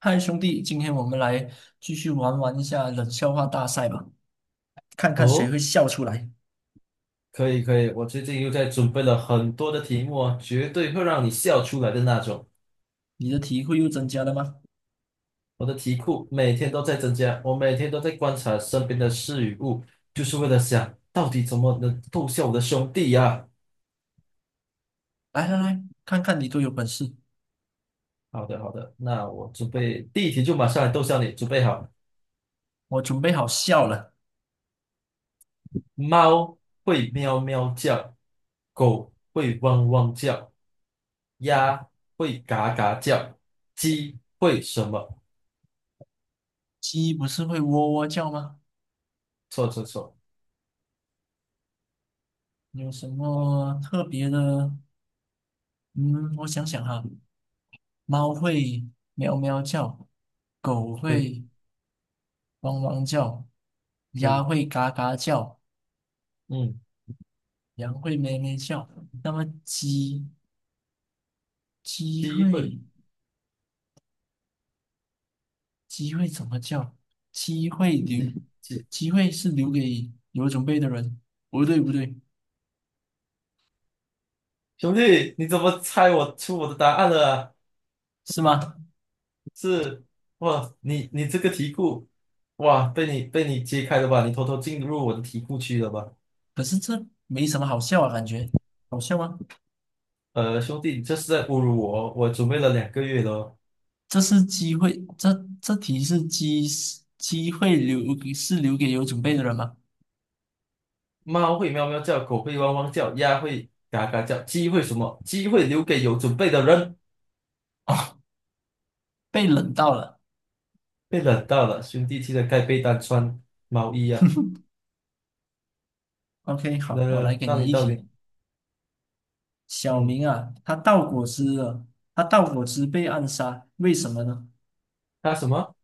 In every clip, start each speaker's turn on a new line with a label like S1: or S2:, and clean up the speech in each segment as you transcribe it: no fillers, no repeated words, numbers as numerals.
S1: 嗨，兄弟，今天我们来继续玩玩一下冷笑话大赛吧，看看谁
S2: 哦，
S1: 会笑出来。
S2: 可以可以，我最近又在准备了很多的题目啊，绝对会让你笑出来的那种。
S1: 你的体会又增加了吗？
S2: 我的题库每天都在增加，我每天都在观察身边的事与物，就是为了想到底怎么能逗笑我的兄弟呀、
S1: 来来来，看看你多有本事！
S2: 好的好的，那我准备第一题就马上来逗笑你，准备好。
S1: 我准备好笑了。
S2: 猫会喵喵叫，狗会汪汪叫，鸭会嘎嘎叫，鸡会什么？
S1: 鸡不是会喔喔叫吗？
S2: 错错错，
S1: 有什么特别的？嗯，我想想哈，猫会喵喵叫，狗
S2: 对
S1: 会汪汪叫，鸭
S2: 对，
S1: 会嘎嘎叫，
S2: 嗯，
S1: 羊会咩咩叫。那么鸡
S2: 鸡会。
S1: 会？机会怎么叫？机会留，
S2: 一几
S1: 机会是留给有准备的人。不对，不对，
S2: 兄弟，你怎么猜我出我的答案了啊
S1: 是吗？
S2: 是哇，你这个题库，哇，被你揭开了吧？你偷偷进入我的题库区了吧？
S1: 可是这没什么好笑啊，感觉好笑吗？
S2: 兄弟，你这是在侮辱我哦！我准备了2个月了哦
S1: 这是机会，这这题是机会是留给有准备的人吗？
S2: 猫会喵喵叫，狗会汪汪叫，鸭会嘎嘎叫，鸡会什么？鸡会留给有准备的人。
S1: 被冷到了。
S2: 被冷到了，兄弟，记得盖被单，穿毛衣啊！
S1: OK，
S2: 来
S1: 好，我
S2: 来
S1: 来
S2: 来，
S1: 给
S2: 到
S1: 你
S2: 你
S1: 一
S2: 到你，
S1: 题。小
S2: 嗯，
S1: 明啊，他倒果汁了，他倒果汁被暗杀，为什么呢？
S2: 他什么？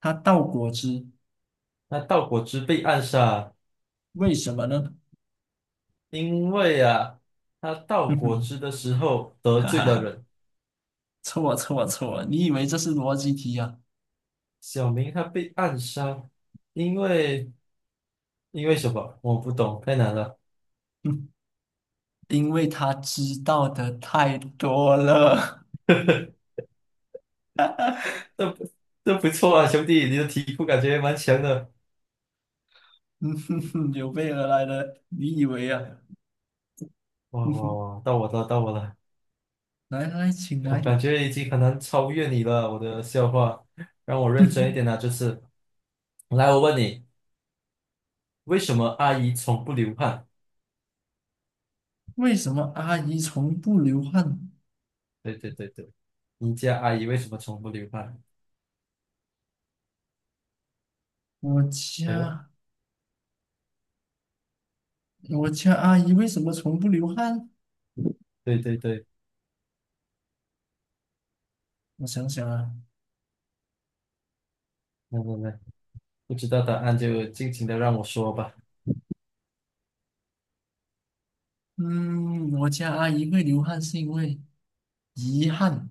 S1: 他倒果汁，
S2: 那盗果汁被暗杀。
S1: 为什么呢？
S2: 因为啊，他 倒
S1: 哼
S2: 果
S1: 哼，
S2: 汁的时候得
S1: 哈
S2: 罪
S1: 哈
S2: 了
S1: 哈。
S2: 人，
S1: 错错错！你以为这是逻辑题啊？
S2: 小明他被暗杀，因为因为什么？我不懂，太难了。
S1: 嗯，因为他知道的太多了。
S2: 这不这不错啊，兄弟，你的题库感觉蛮强的。
S1: 嗯哼哼，有备而来的，你以为啊？
S2: 哇
S1: 嗯
S2: 哇
S1: 哼，
S2: 哇，到我了，到我了，
S1: 来来，请
S2: 我
S1: 来。
S2: 感觉 已经很难超越你了，我的笑话。让我
S1: 哼
S2: 认真一
S1: 哼，
S2: 点啊，这次。来，我问你，为什么阿姨从不流汗？
S1: 为什么阿姨从不流汗？
S2: 对对对对，你家阿姨为什么从不流汗？
S1: 我
S2: 哎呦，
S1: 家我家阿姨为什么从不流汗？
S2: 对对对，
S1: 我想想啊，
S2: 来来来。不知道答案就尽情的让我说吧。
S1: 嗯，我家阿姨会流汗是因为遗憾，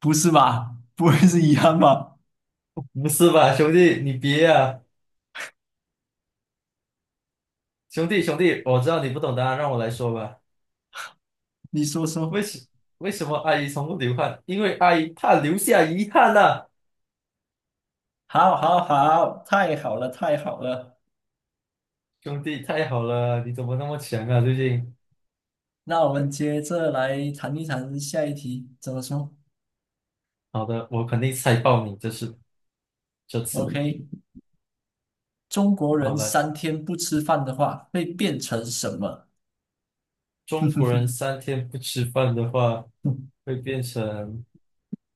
S1: 不是吧？不会是遗憾吧？
S2: 不是吧，兄弟，你别啊！兄弟，兄弟，我知道你不懂答案，让我来说吧。
S1: 你说
S2: 为
S1: 说。
S2: 什为什么阿姨从不流汗？因为阿姨怕留下遗憾呐、
S1: 好，好，好，太好了，太好了。
S2: 兄弟，太好了，你怎么那么强啊？最近，
S1: 那我们接着来谈一谈下一题，怎么说
S2: 好的，我肯定猜爆你，这次。
S1: ？OK，中国
S2: 好
S1: 人
S2: 了，
S1: 三天不吃饭的话，会变成什么？
S2: 中国人三天不吃饭的话，会变成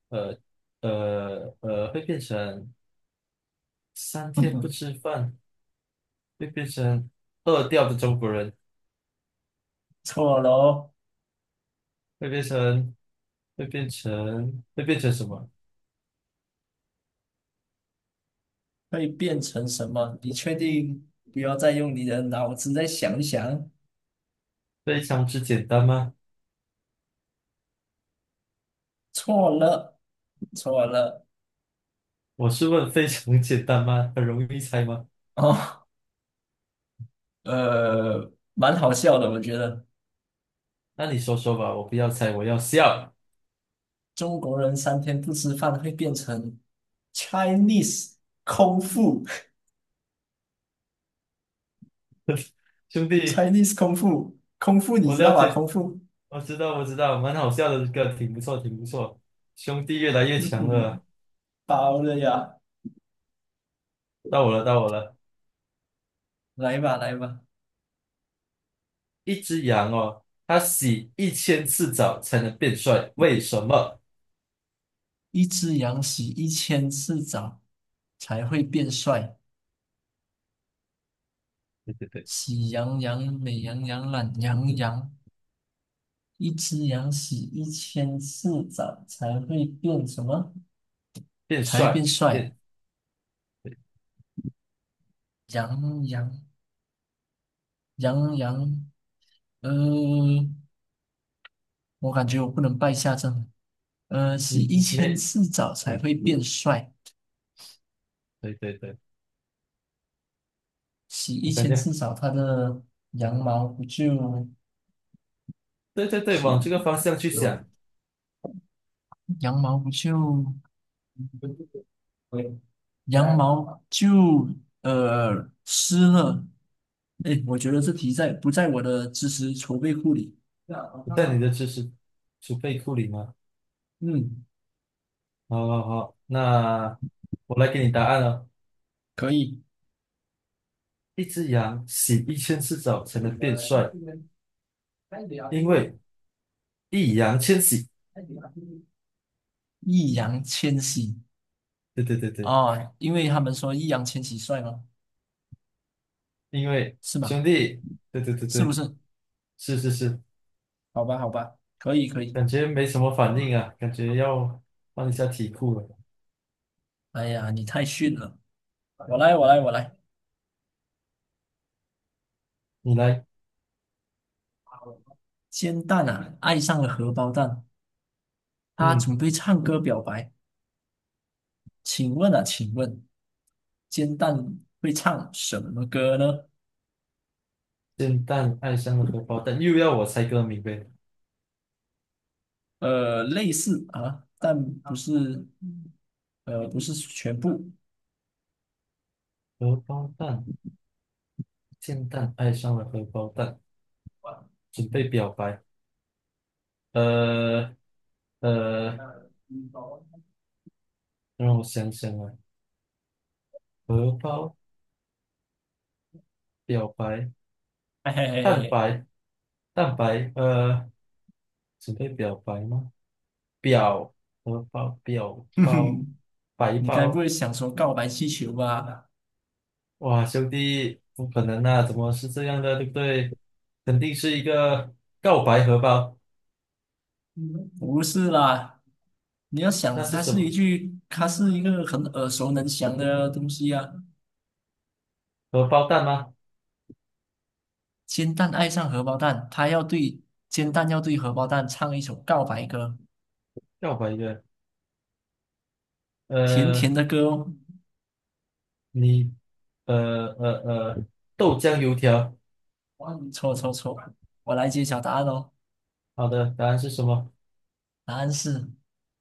S2: 呃呃呃，会变成三天不吃饭，会变成饿掉的中国人。
S1: 错了哦，
S2: 会变成会变成什么？
S1: 会变成什么？你确定不要再用你的脑子再想一想？
S2: 非常之简单吗？
S1: 错了，错了。
S2: 我是问非常简单吗？很容易猜吗？
S1: 哦，蛮好笑的，我觉得。
S2: 那你说说吧，我不要猜，我要笑。
S1: 中国人三天不吃饭会变成 Chinese 空腹
S2: 兄 弟，
S1: ，Chinese 空腹，空腹你
S2: 我
S1: 知道
S2: 了
S1: 吧？
S2: 解，
S1: 空腹，
S2: 我知道，我知道，蛮好笑的这个，挺不错，挺不错。兄弟越来越
S1: 嗯
S2: 强
S1: 哼，
S2: 了，
S1: 包了呀，
S2: 到我了，到我了。
S1: 来吧来吧，
S2: 一只羊哦，它洗一千次澡才能变帅，为什么？
S1: 一只羊洗一千次澡才会变帅，
S2: 对对对，
S1: 喜羊羊、美羊羊、懒羊羊，一只羊洗一千次澡才会变什么？
S2: 变
S1: 才会变
S2: 帅，
S1: 帅，羊羊羊羊，呃。我感觉我不能败下阵。洗
S2: 你
S1: 一千
S2: 没，
S1: 次澡才会变帅，
S2: 对对对，
S1: 洗一
S2: 我感
S1: 千
S2: 觉，
S1: 次澡，它的羊毛不就
S2: 对对对，往
S1: 洗
S2: 这个方向去
S1: 有
S2: 想。
S1: 羊毛不就 羊毛就湿了。哎，我觉得这题在不在我的知识储备库里？
S2: 在你的知识储备库里吗？
S1: 嗯，
S2: 好好好，那我来给你答案了。
S1: 可以。
S2: 一只羊洗一千次澡才能变帅，因为易烊千玺。
S1: 易烊千玺，
S2: 对对对对，
S1: 哦，因为他们说易烊千玺帅吗？
S2: 因为
S1: 是吗？
S2: 兄弟，对对对
S1: 是不
S2: 对，
S1: 是？
S2: 是是是，
S1: 好吧，好吧，可以，可以。
S2: 感觉没什么反应啊，感觉要换一下题库了。
S1: 哎呀，你太逊了！我来，我来，我来。
S2: 你来，
S1: 煎蛋啊，爱上了荷包蛋，他
S2: 嗯，
S1: 准备唱歌表白。请问啊，请问，煎蛋会唱什么歌呢？
S2: 煎蛋爱上了荷包蛋，又要我猜歌名呗？
S1: 类似啊，但不是，不是全部。
S2: 荷包蛋，煎蛋爱上了荷包蛋，准备表白。呃呃，让我想想啊，荷包、表白、
S1: 嘿嘿
S2: 蛋
S1: 嘿，
S2: 白、蛋白，准备表白吗？表荷包、表
S1: 哼
S2: 包、
S1: 哼，
S2: 白
S1: 你该不会
S2: 包，
S1: 想说告白气球吧？
S2: 哇，兄弟，不可能啊，怎么是这样的，对不对？肯定是一个告白荷包，
S1: 不是啦，你要想，
S2: 那是
S1: 它
S2: 什
S1: 是一
S2: 么？
S1: 句，它是一个很耳熟能详的东西啊。
S2: 荷包蛋吗？
S1: 煎蛋爱上荷包蛋，他要对煎蛋要对荷包蛋唱一首告白歌，
S2: 告白的，
S1: 甜甜
S2: 呃，
S1: 的歌哦。
S2: 你，呃呃呃，豆浆油条，
S1: 哇错错错，我来揭晓答案哦。
S2: 好的，答案是什么？
S1: 答案是，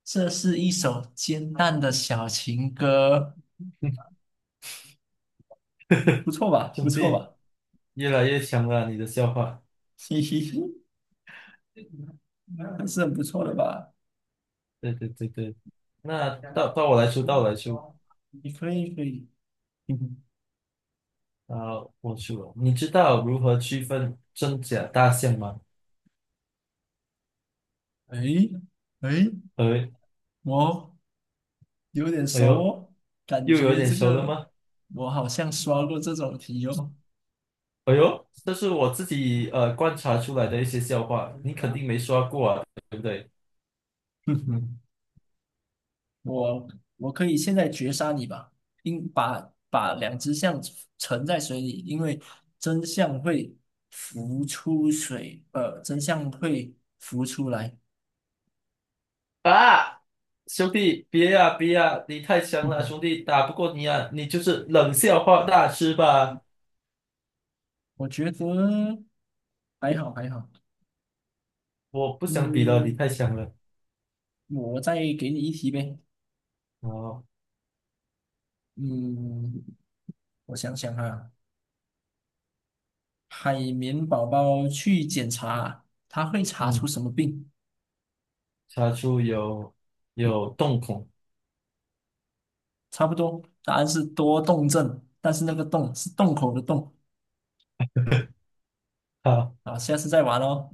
S1: 这是一首煎蛋的小情歌，不错吧？不
S2: 兄
S1: 错
S2: 弟，
S1: 吧？
S2: 越来越强了啊，你的笑话。
S1: 嘿嘿嘿，还是很不错的吧？
S2: 对对对对，那到我来说，到我来说，
S1: 你可以可以，
S2: 啊，我输了。你知道如何区分真假大象吗？
S1: 哎哎，
S2: 哎，
S1: 我有点
S2: 哎
S1: 熟
S2: 呦，
S1: 哦，感
S2: 又有
S1: 觉
S2: 点
S1: 这
S2: 熟了
S1: 个
S2: 吗？
S1: 我好像刷过这种题哦。
S2: 哎呦，这是我自己观察出来的一些笑话，你肯定没刷过啊，对不对？
S1: 哼哼，我我可以现在绝杀你吧，应把两只象沉在水里，因为真相会真相会浮出来。
S2: 啊，兄弟，别呀、别呀、你太
S1: 哼
S2: 强了，
S1: 哼，
S2: 兄弟，打不过你啊，你就是冷笑话大师吧？
S1: 我觉得还好还好，
S2: 我不想比了，你
S1: 嗯，
S2: 太强了。
S1: 我再给你一题呗。
S2: 然后，
S1: 嗯，我想想啊，海绵宝宝去检查，他会查出
S2: 嗯，
S1: 什么病？
S2: 查出有洞孔。
S1: 差不多，答案是多动症，但是那个动是洞口的洞。好，下次再玩哦。